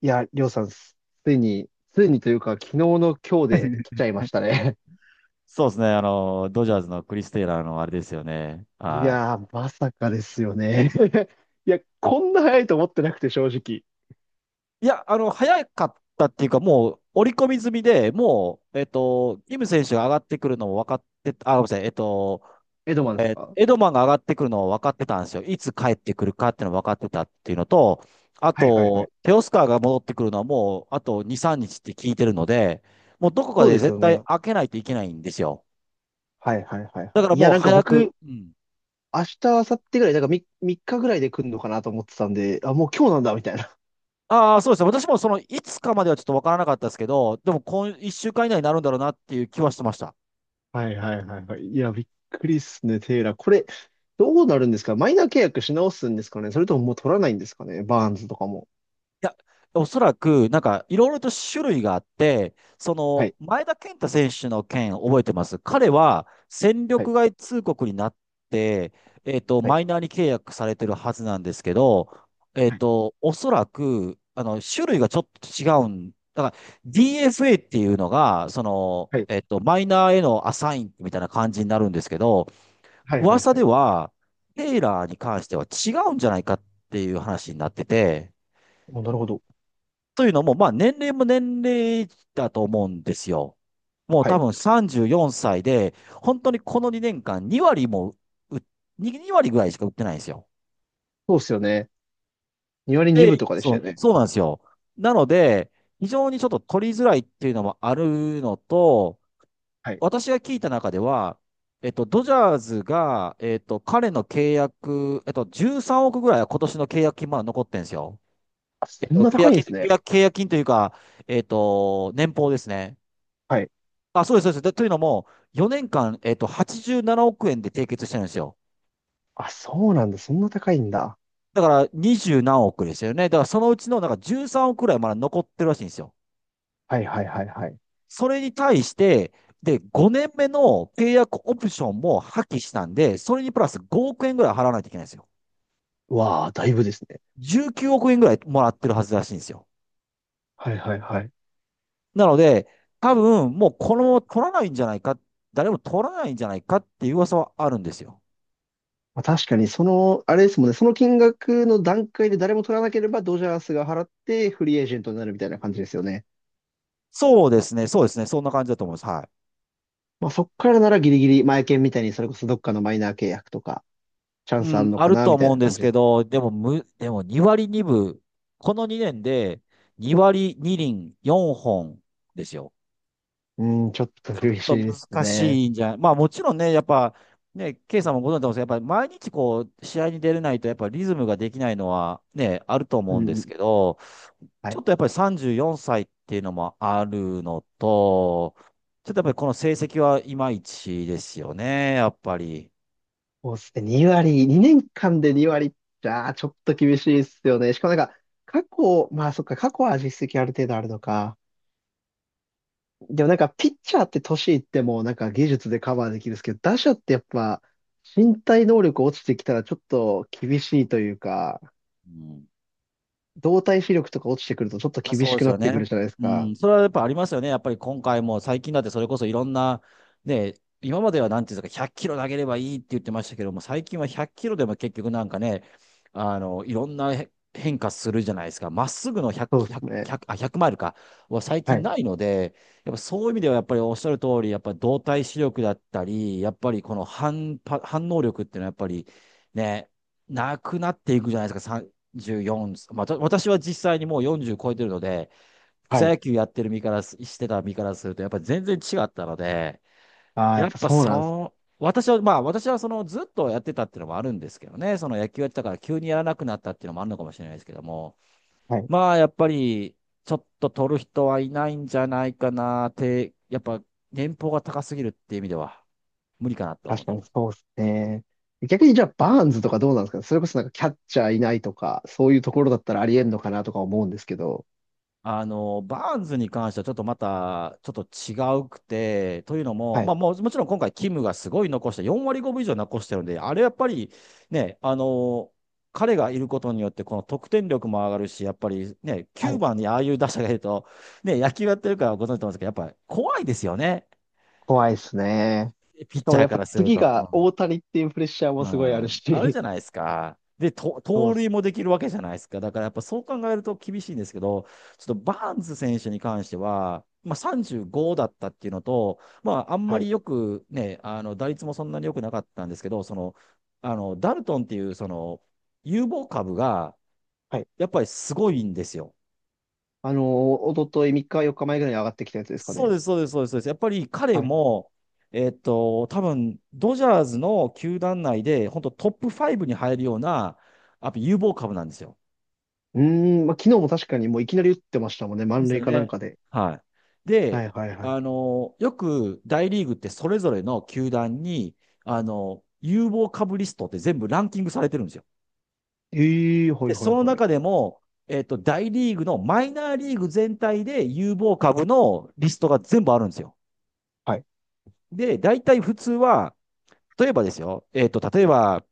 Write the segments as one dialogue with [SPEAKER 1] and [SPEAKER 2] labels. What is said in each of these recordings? [SPEAKER 1] いや、りょうさん、ついに、ついにというか、昨日の今日で来ちゃいまし たね。
[SPEAKER 2] そうですね。ドジャースのクリス・テイラーのあれですよね。
[SPEAKER 1] い
[SPEAKER 2] は
[SPEAKER 1] やー、まさかですよね。いや、こんな早いと思ってなくて、正直。
[SPEAKER 2] い。いや、早かったっていうか、もう、織り込み済みで、もう、イム選手が上がってくるのも分かってた。あ、ごめんなさい、
[SPEAKER 1] エドマンですか？
[SPEAKER 2] エドマンが上がってくるのを分かってたんですよ。いつ帰ってくるかっていうのを分かってたっていうのと、あ
[SPEAKER 1] はいはいは
[SPEAKER 2] と、
[SPEAKER 1] い。
[SPEAKER 2] テオスカーが戻ってくるのはもう、あと2、3日って聞いてるので、もうどこか
[SPEAKER 1] そう
[SPEAKER 2] で
[SPEAKER 1] です
[SPEAKER 2] 絶
[SPEAKER 1] よ
[SPEAKER 2] 対
[SPEAKER 1] ね。
[SPEAKER 2] 開けないといけないんですよ。
[SPEAKER 1] はいはいはい
[SPEAKER 2] だ
[SPEAKER 1] は
[SPEAKER 2] か
[SPEAKER 1] い。
[SPEAKER 2] ら
[SPEAKER 1] い
[SPEAKER 2] も
[SPEAKER 1] や、
[SPEAKER 2] う
[SPEAKER 1] なんか
[SPEAKER 2] 早く。
[SPEAKER 1] 僕、
[SPEAKER 2] うん。
[SPEAKER 1] 明日、明後日ぐらい、なんか3日ぐらいで来るのかなと思ってたんで、あ、もう今日なんだ、みたいな。
[SPEAKER 2] ああ、そうですね。私もその、いつかまではちょっとわからなかったですけど、でも今、一週間以内になるんだろうなっていう気はしてました。
[SPEAKER 1] はいはいはいはい。いや、びっくりっすね、テイラー。これ、どうなるんですか？マイナー契約し直すんですかね？それとももう取らないんですかね、バーンズとかも。
[SPEAKER 2] いや、おそらく、なんか、いろいろと種類があって、そ
[SPEAKER 1] は
[SPEAKER 2] の、
[SPEAKER 1] い
[SPEAKER 2] 前田健太選手の件覚えてます。彼は、戦
[SPEAKER 1] はい
[SPEAKER 2] 力外通告になって、
[SPEAKER 1] はい。
[SPEAKER 2] マイナーに契約されてるはずなんですけど、
[SPEAKER 1] はい
[SPEAKER 2] おそらく、種類がちょっと違うん。だから、DFA っていうのが、その、
[SPEAKER 1] はい
[SPEAKER 2] マイナーへのアサインみたいな感じになるんですけど、
[SPEAKER 1] はいはい
[SPEAKER 2] 噂
[SPEAKER 1] は
[SPEAKER 2] で
[SPEAKER 1] い。
[SPEAKER 2] は、テイラーに関しては違うんじゃないかっていう話になってて、
[SPEAKER 1] お、なるほど。
[SPEAKER 2] というのも、まあ年齢も年齢だと思うんですよ。もう
[SPEAKER 1] は
[SPEAKER 2] 多
[SPEAKER 1] い。
[SPEAKER 2] 分34歳で、本当にこの2年間2割も打、2、2割ぐらいしか売ってないんですよ。
[SPEAKER 1] そうっすよね。2割2
[SPEAKER 2] で、
[SPEAKER 1] 分とかでし
[SPEAKER 2] そ
[SPEAKER 1] たよ
[SPEAKER 2] う、
[SPEAKER 1] ね。
[SPEAKER 2] そうなんですよ。なので、非常にちょっと取りづらいっていうのもあるのと、
[SPEAKER 1] はい。
[SPEAKER 2] 私が聞いた中では、ドジャーズが、彼の契約、13億ぐらいは今年の契約金まだ残ってんですよ。
[SPEAKER 1] あ、そんな
[SPEAKER 2] 契
[SPEAKER 1] 高い
[SPEAKER 2] 約
[SPEAKER 1] んで
[SPEAKER 2] 金と、
[SPEAKER 1] すね。
[SPEAKER 2] 契約金というか、年俸ですね。
[SPEAKER 1] はい。
[SPEAKER 2] あ、そうです、そうです。でというのも、4年間、87億円で締結してるんですよ。
[SPEAKER 1] あ、そうなんだ。そんな高いんだ。
[SPEAKER 2] だから、20何億ですよね。だから、そのうちの、なんか13億ぐらいまだ残ってるらしいんですよ。
[SPEAKER 1] はいはいはいはい。
[SPEAKER 2] それに対して、で、5年目の契約オプションも破棄したんで、それにプラス5億円ぐらい払わないといけないんですよ。
[SPEAKER 1] うわあ、だいぶですね。
[SPEAKER 2] 19億円ぐらいもらってるはずらしいんですよ。
[SPEAKER 1] はいはいはい。
[SPEAKER 2] なので、多分もうこのまま取らないんじゃないか、誰も取らないんじゃないかっていう噂はあるんですよ。
[SPEAKER 1] まあ、確かに、その、あれですもんね。その金額の段階で誰も取らなければ、ドジャースが払ってフリーエージェントになるみたいな感じですよね。
[SPEAKER 2] そうですね、そうですね、そんな感じだと思います。はい。
[SPEAKER 1] まあ、そっからならギリギリ、前券みたいに、それこそどっかのマイナー契約とか、チャン
[SPEAKER 2] う
[SPEAKER 1] スあん
[SPEAKER 2] ん、
[SPEAKER 1] の
[SPEAKER 2] あ
[SPEAKER 1] か
[SPEAKER 2] る
[SPEAKER 1] な、
[SPEAKER 2] と
[SPEAKER 1] みたい
[SPEAKER 2] 思うん
[SPEAKER 1] な
[SPEAKER 2] で
[SPEAKER 1] 感
[SPEAKER 2] す
[SPEAKER 1] じで
[SPEAKER 2] け
[SPEAKER 1] す。
[SPEAKER 2] ど、でも2割2分、この2年で2割2厘4本ですよ。
[SPEAKER 1] うん、ちょっと苦
[SPEAKER 2] そう、
[SPEAKER 1] しいです
[SPEAKER 2] 難
[SPEAKER 1] ね。
[SPEAKER 2] しいんじゃない。まあもちろんね、やっぱ、ね、ケイさんもご存知だと思うんですけど、やっぱり毎日こう、試合に出れないと、やっぱリズムができないのはね、あると
[SPEAKER 1] う
[SPEAKER 2] 思うん
[SPEAKER 1] ん
[SPEAKER 2] で
[SPEAKER 1] う
[SPEAKER 2] す
[SPEAKER 1] ん。
[SPEAKER 2] けど、
[SPEAKER 1] は
[SPEAKER 2] ちょ
[SPEAKER 1] い。
[SPEAKER 2] っとやっぱり34歳っていうのもあるのと、ちょっとやっぱりこの成績はいまいちですよね、やっぱり。
[SPEAKER 1] そうっすね。2割、2年間で2割。じゃああ、ちょっと厳しいっすよね。しかもなんか、過去、まあそっか、過去は実績ある程度あるのか。でもなんか、ピッチャーって年いってもなんか技術でカバーできるんですけど、打者ってやっぱ、身体能力落ちてきたらちょっと厳しいというか、
[SPEAKER 2] うん。
[SPEAKER 1] 動体視力とか落ちてくるとちょっと
[SPEAKER 2] まあ
[SPEAKER 1] 厳
[SPEAKER 2] そう
[SPEAKER 1] し
[SPEAKER 2] で
[SPEAKER 1] く
[SPEAKER 2] す
[SPEAKER 1] な
[SPEAKER 2] よ
[SPEAKER 1] ってく
[SPEAKER 2] ね。
[SPEAKER 1] るじゃないです
[SPEAKER 2] う
[SPEAKER 1] か。
[SPEAKER 2] ん、それはやっぱありますよね。やっぱり今回も最近だってそれこそいろんな、ね、今まではなんていうんですか、100キロ投げればいいって言ってましたけども、最近は100キロでも結局なんかね、いろんなへ変化するじゃないですか。まっすぐの100、
[SPEAKER 1] そうで
[SPEAKER 2] 100、
[SPEAKER 1] すね。
[SPEAKER 2] 1あ、100マイルか、は最
[SPEAKER 1] は
[SPEAKER 2] 近
[SPEAKER 1] い。
[SPEAKER 2] ないので、やっぱそういう意味ではやっぱりおっしゃる通り、やっぱり動体視力だったり、やっぱりこの反応力っていうのはやっぱりね、なくなっていくじゃないですか。44まあ、と私は実際にもう40超えてるので、
[SPEAKER 1] は
[SPEAKER 2] 草
[SPEAKER 1] い。
[SPEAKER 2] 野球やってる身からす、してた身からすると、やっぱ全然違ったので、
[SPEAKER 1] ああ、や
[SPEAKER 2] や
[SPEAKER 1] っ
[SPEAKER 2] っ
[SPEAKER 1] ぱ
[SPEAKER 2] ぱ
[SPEAKER 1] そうなんです。
[SPEAKER 2] そう、私は、まあ私はそのずっとやってたっていうのもあるんですけどね、その野球やってたから急にやらなくなったっていうのもあるのかもしれないですけども、
[SPEAKER 1] はい。
[SPEAKER 2] まあやっぱり、ちょっと取る人はいないんじゃないかなって、やっぱ年俸が高すぎるっていう意味では無理かなと思
[SPEAKER 1] 確
[SPEAKER 2] っ
[SPEAKER 1] か
[SPEAKER 2] て
[SPEAKER 1] に
[SPEAKER 2] ます。
[SPEAKER 1] そうですね。逆にじゃあ、バーンズとかどうなんですか？それこそなんかキャッチャーいないとか、そういうところだったらありえんのかなとか思うんですけど。
[SPEAKER 2] バーンズに関してはちょっとまた、ちょっと違うくて、というのも、
[SPEAKER 1] は
[SPEAKER 2] ま
[SPEAKER 1] い、
[SPEAKER 2] あもう、もちろん今回、キムがすごい残して、4割5分以上残してるんで、あれやっぱりね、彼がいることによって、この得点力も上がるし、やっぱりね、
[SPEAKER 1] は
[SPEAKER 2] 9
[SPEAKER 1] い。
[SPEAKER 2] 番にああいう打者がいると、ね、野球やってるからご存知と思うんですけど、やっぱり怖いですよね、
[SPEAKER 1] 怖いですね。
[SPEAKER 2] ピッ
[SPEAKER 1] しか
[SPEAKER 2] チ
[SPEAKER 1] も
[SPEAKER 2] ャー
[SPEAKER 1] やっ
[SPEAKER 2] か
[SPEAKER 1] ぱ
[SPEAKER 2] らする
[SPEAKER 1] 次が
[SPEAKER 2] と。
[SPEAKER 1] 大谷っていうプレッシャー
[SPEAKER 2] う
[SPEAKER 1] もすごいある
[SPEAKER 2] ん、あるじ
[SPEAKER 1] し。
[SPEAKER 2] ゃないですか。で、と
[SPEAKER 1] そう
[SPEAKER 2] 盗
[SPEAKER 1] っ
[SPEAKER 2] 塁も
[SPEAKER 1] す。
[SPEAKER 2] できるわけじゃないですか。だからやっぱそう考えると厳しいんですけど、ちょっとバーンズ選手に関しては、まあ、35だったっていうのと、まあ、あんま
[SPEAKER 1] は
[SPEAKER 2] り
[SPEAKER 1] い、
[SPEAKER 2] よくね、打率もそんなに良くなかったんですけど、その、あのダルトンっていうその有望株が
[SPEAKER 1] はい。
[SPEAKER 2] やっぱりすごいんですよ。
[SPEAKER 1] おととい3日、4日前ぐらいに上がってきたやつですか
[SPEAKER 2] そう
[SPEAKER 1] ね。
[SPEAKER 2] です、そうです、そうです。そうですやっぱり彼
[SPEAKER 1] はい。
[SPEAKER 2] も、多分ドジャーズの球団内で、本当トップ5に入るような、やっぱ有望株なんですよ。
[SPEAKER 1] うーん、まあ、昨日も確かにもういきなり打ってましたもんね。
[SPEAKER 2] で
[SPEAKER 1] 満
[SPEAKER 2] す
[SPEAKER 1] 塁
[SPEAKER 2] よ
[SPEAKER 1] かなん
[SPEAKER 2] ね。
[SPEAKER 1] かで。
[SPEAKER 2] はい。
[SPEAKER 1] は
[SPEAKER 2] で、
[SPEAKER 1] いはいはい。
[SPEAKER 2] よく大リーグってそれぞれの球団に、有望株リストって全部ランキングされてるんですよ。
[SPEAKER 1] ええー、は
[SPEAKER 2] で、
[SPEAKER 1] いは
[SPEAKER 2] そ
[SPEAKER 1] い
[SPEAKER 2] の
[SPEAKER 1] はい。
[SPEAKER 2] 中でも、大リーグのマイナーリーグ全体で有望株のリストが全部あるんですよ。
[SPEAKER 1] はい。
[SPEAKER 2] で、大体普通は、例えばですよ、例えば、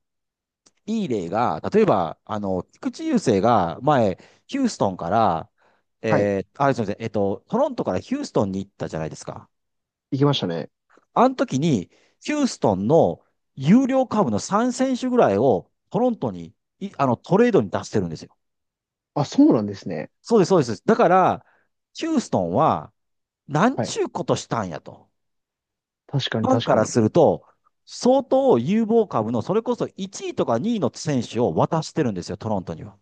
[SPEAKER 2] いい例が、例えば、菊池雄星が前、ヒューストンから、
[SPEAKER 1] はい。
[SPEAKER 2] すみません、トロントからヒューストンに行ったじゃないですか。
[SPEAKER 1] 行きましたね。
[SPEAKER 2] あの時に、ヒューストンの有料株の3選手ぐらいをトロントに、いあの、トレードに出してるんですよ。
[SPEAKER 1] あ、そうなんですね。
[SPEAKER 2] そうです、そうです。だから、ヒューストンは、なん
[SPEAKER 1] はい。
[SPEAKER 2] ちゅうことしたんやと。
[SPEAKER 1] 確か
[SPEAKER 2] フ
[SPEAKER 1] に
[SPEAKER 2] ァン
[SPEAKER 1] 確
[SPEAKER 2] か
[SPEAKER 1] か
[SPEAKER 2] ら
[SPEAKER 1] に。
[SPEAKER 2] すると、相当有望株の、それこそ1位とか2位の選手を渡してるんですよ、トロントには。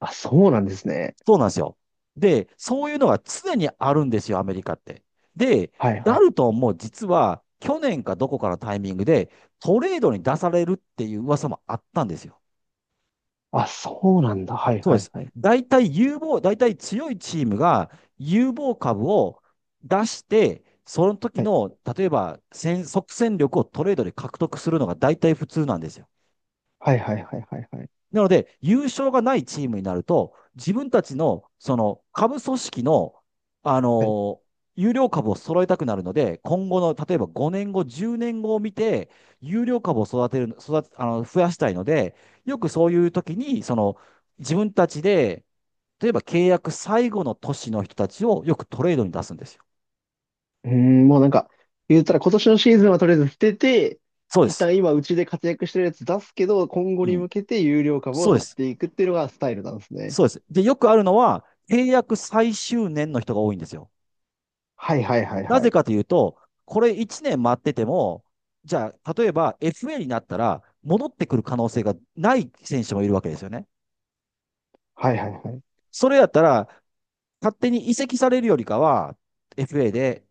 [SPEAKER 1] あ、そうなんですね。
[SPEAKER 2] そうなんですよ。で、そういうのが常にあるんですよ、アメリカって。で、
[SPEAKER 1] はいは
[SPEAKER 2] ダ
[SPEAKER 1] い。
[SPEAKER 2] ルトンも実は去年かどこかのタイミングでトレードに出されるっていう噂もあったんですよ。
[SPEAKER 1] あ、そうなんだ。はい
[SPEAKER 2] そうで
[SPEAKER 1] はい
[SPEAKER 2] す。
[SPEAKER 1] はい。
[SPEAKER 2] 大体強いチームが有望株を出して、その時
[SPEAKER 1] はい。
[SPEAKER 2] の、例えば戦、即戦力をトレードで獲得するのが大体普通なんですよ。
[SPEAKER 1] はいはいはいはいはい。
[SPEAKER 2] なので、優勝がないチームになると、自分たちのその株組織の、あ
[SPEAKER 1] はい。
[SPEAKER 2] の有料株を揃えたくなるので、今後の例えば5年後、10年後を見て、有料株を育てる、育て増やしたいので、よくそういう時にその自分たちで、例えば契約最後の年の人たちをよくトレードに出すんですよ。
[SPEAKER 1] うーん、もうなんか、言ったら今年のシーズンはとりあえず捨てて、
[SPEAKER 2] そうで
[SPEAKER 1] 一
[SPEAKER 2] す。
[SPEAKER 1] 旦今うちで活躍してるやつ出すけど、今後
[SPEAKER 2] う
[SPEAKER 1] に
[SPEAKER 2] ん。
[SPEAKER 1] 向けて有料株を
[SPEAKER 2] そうで
[SPEAKER 1] 取っ
[SPEAKER 2] す。
[SPEAKER 1] ていくっていうのがスタイルなんですね。
[SPEAKER 2] そうです。で、よくあるのは、契約最終年の人が多いんですよ。
[SPEAKER 1] はいはいはい
[SPEAKER 2] な
[SPEAKER 1] は
[SPEAKER 2] ぜ
[SPEAKER 1] い。
[SPEAKER 2] かというと、これ1年待ってても、じゃあ、例えば FA になったら、戻ってくる可能性がない選手もいるわけですよね。
[SPEAKER 1] はいはいはい。
[SPEAKER 2] それやったら、勝手に移籍されるよりかは、FA で、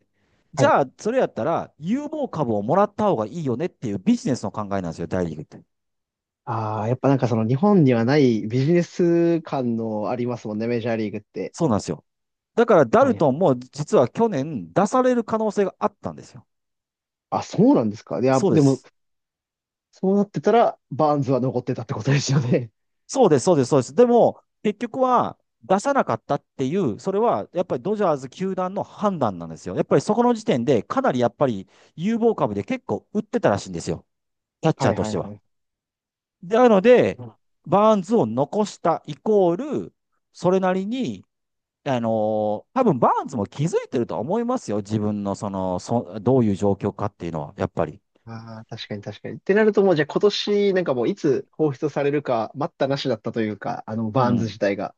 [SPEAKER 1] は
[SPEAKER 2] じ
[SPEAKER 1] い。
[SPEAKER 2] ゃあ、それやったら、有望株をもらった方がいいよねっていうビジネスの考えなんですよ、大リーグって。
[SPEAKER 1] ああ、やっぱなんかその日本にはないビジネス感のありますもんね、メジャーリーグって。
[SPEAKER 2] そうなんですよ。だから、ダ
[SPEAKER 1] は
[SPEAKER 2] ル
[SPEAKER 1] い。
[SPEAKER 2] トンも実は去年出される可能性があったんですよ。
[SPEAKER 1] あ、そうなんですか。いや、
[SPEAKER 2] そうで
[SPEAKER 1] でも、
[SPEAKER 2] す。
[SPEAKER 1] そうなってたら、バーンズは残ってたってことですよね。
[SPEAKER 2] そうです、そうです、そうです。でも、結局は出さなかったっていう、それはやっぱりドジャーズ球団の判断なんですよ。やっぱりそこの時点で、かなりやっぱり有望株で結構売ってたらしいんですよ。キャッ チ
[SPEAKER 1] は
[SPEAKER 2] ャー
[SPEAKER 1] い
[SPEAKER 2] と
[SPEAKER 1] は
[SPEAKER 2] して
[SPEAKER 1] いは
[SPEAKER 2] は。
[SPEAKER 1] い。
[SPEAKER 2] なので、
[SPEAKER 1] あ
[SPEAKER 2] バーンズを残したイコール、それなりに、あの多分バーンズも気づいてるとは思いますよ。自分のその、どういう状況かっていうのは、やっぱり。
[SPEAKER 1] あ、確かに確かに。ってなるともうじゃあ今年なんかもういつ放出されるか待ったなしだったというか、あの
[SPEAKER 2] う
[SPEAKER 1] バーンズ
[SPEAKER 2] ん。
[SPEAKER 1] 自体が。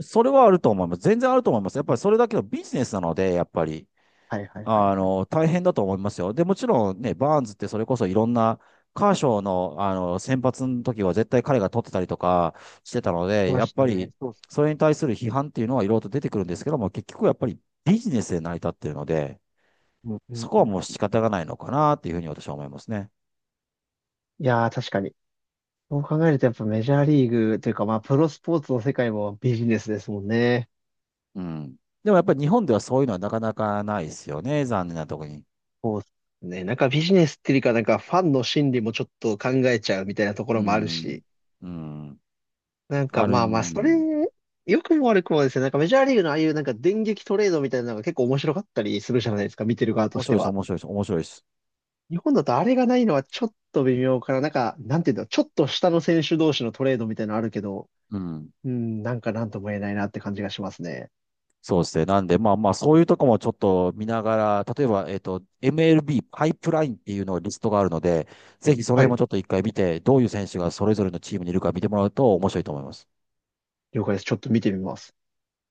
[SPEAKER 2] それはあると思います。全然あると思います。やっぱりそれだけのビジネスなので、やっぱり。
[SPEAKER 1] はいはいはいはい。
[SPEAKER 2] 大変だと思いますよ。で、もちろんね、バーンズってそれこそいろんな、カーショーの、先発の時は絶対彼が取ってたりとかしてたの
[SPEAKER 1] 来
[SPEAKER 2] で、
[SPEAKER 1] ま
[SPEAKER 2] やっ
[SPEAKER 1] した
[SPEAKER 2] ぱ
[SPEAKER 1] ね。
[SPEAKER 2] り、
[SPEAKER 1] そうっす。
[SPEAKER 2] それに対する批判っていうのはいろいろと出てくるんですけども、結局やっぱりビジネスで成り立ってるので、
[SPEAKER 1] うんう
[SPEAKER 2] そ
[SPEAKER 1] ん
[SPEAKER 2] こ
[SPEAKER 1] う
[SPEAKER 2] はもう
[SPEAKER 1] ん。
[SPEAKER 2] 仕方がないのかなっていうふうに私は思いますね。
[SPEAKER 1] いやー確かに。そう考えるとやっぱメジャーリーグというかまあプロスポーツの世界もビジネスですもんね。
[SPEAKER 2] うん。でもやっぱり日本ではそういうのはなかなかないですよね、残念なところに。
[SPEAKER 1] そうっすね。なんかビジネスっていうかなんかファンの心理もちょっと考えちゃうみたいなとこ
[SPEAKER 2] う
[SPEAKER 1] ろもある
[SPEAKER 2] ん。
[SPEAKER 1] し。
[SPEAKER 2] うん。
[SPEAKER 1] なん
[SPEAKER 2] あ
[SPEAKER 1] か
[SPEAKER 2] る
[SPEAKER 1] まあまあそれ、
[SPEAKER 2] ん。
[SPEAKER 1] 良くも悪くもですね。なんかメジャーリーグのああいうなんか電撃トレードみたいなのが結構面白かったりするじゃないですか。見てる側と
[SPEAKER 2] 面
[SPEAKER 1] し
[SPEAKER 2] 白
[SPEAKER 1] て
[SPEAKER 2] いです、
[SPEAKER 1] は。
[SPEAKER 2] 面白いです、面白いです。
[SPEAKER 1] 日本だとあれがないのはちょっと微妙かな。なんか、なんていうんだろう、ちょっと下の選手同士のトレードみたいなのあるけど、
[SPEAKER 2] うん。
[SPEAKER 1] うん、なんかなんとも言えないなって感じがしますね。
[SPEAKER 2] そうですね。なんで、まあまあ、そういうとこもちょっと見ながら、例えば、MLB パイプラインっていうのがリストがあるので、ぜひその
[SPEAKER 1] は
[SPEAKER 2] 辺も
[SPEAKER 1] い、
[SPEAKER 2] ちょっと一回見て、どういう選手がそれぞれのチームにいるか見てもらうと面白いと思います。
[SPEAKER 1] 了解です。ちょっと見てみます。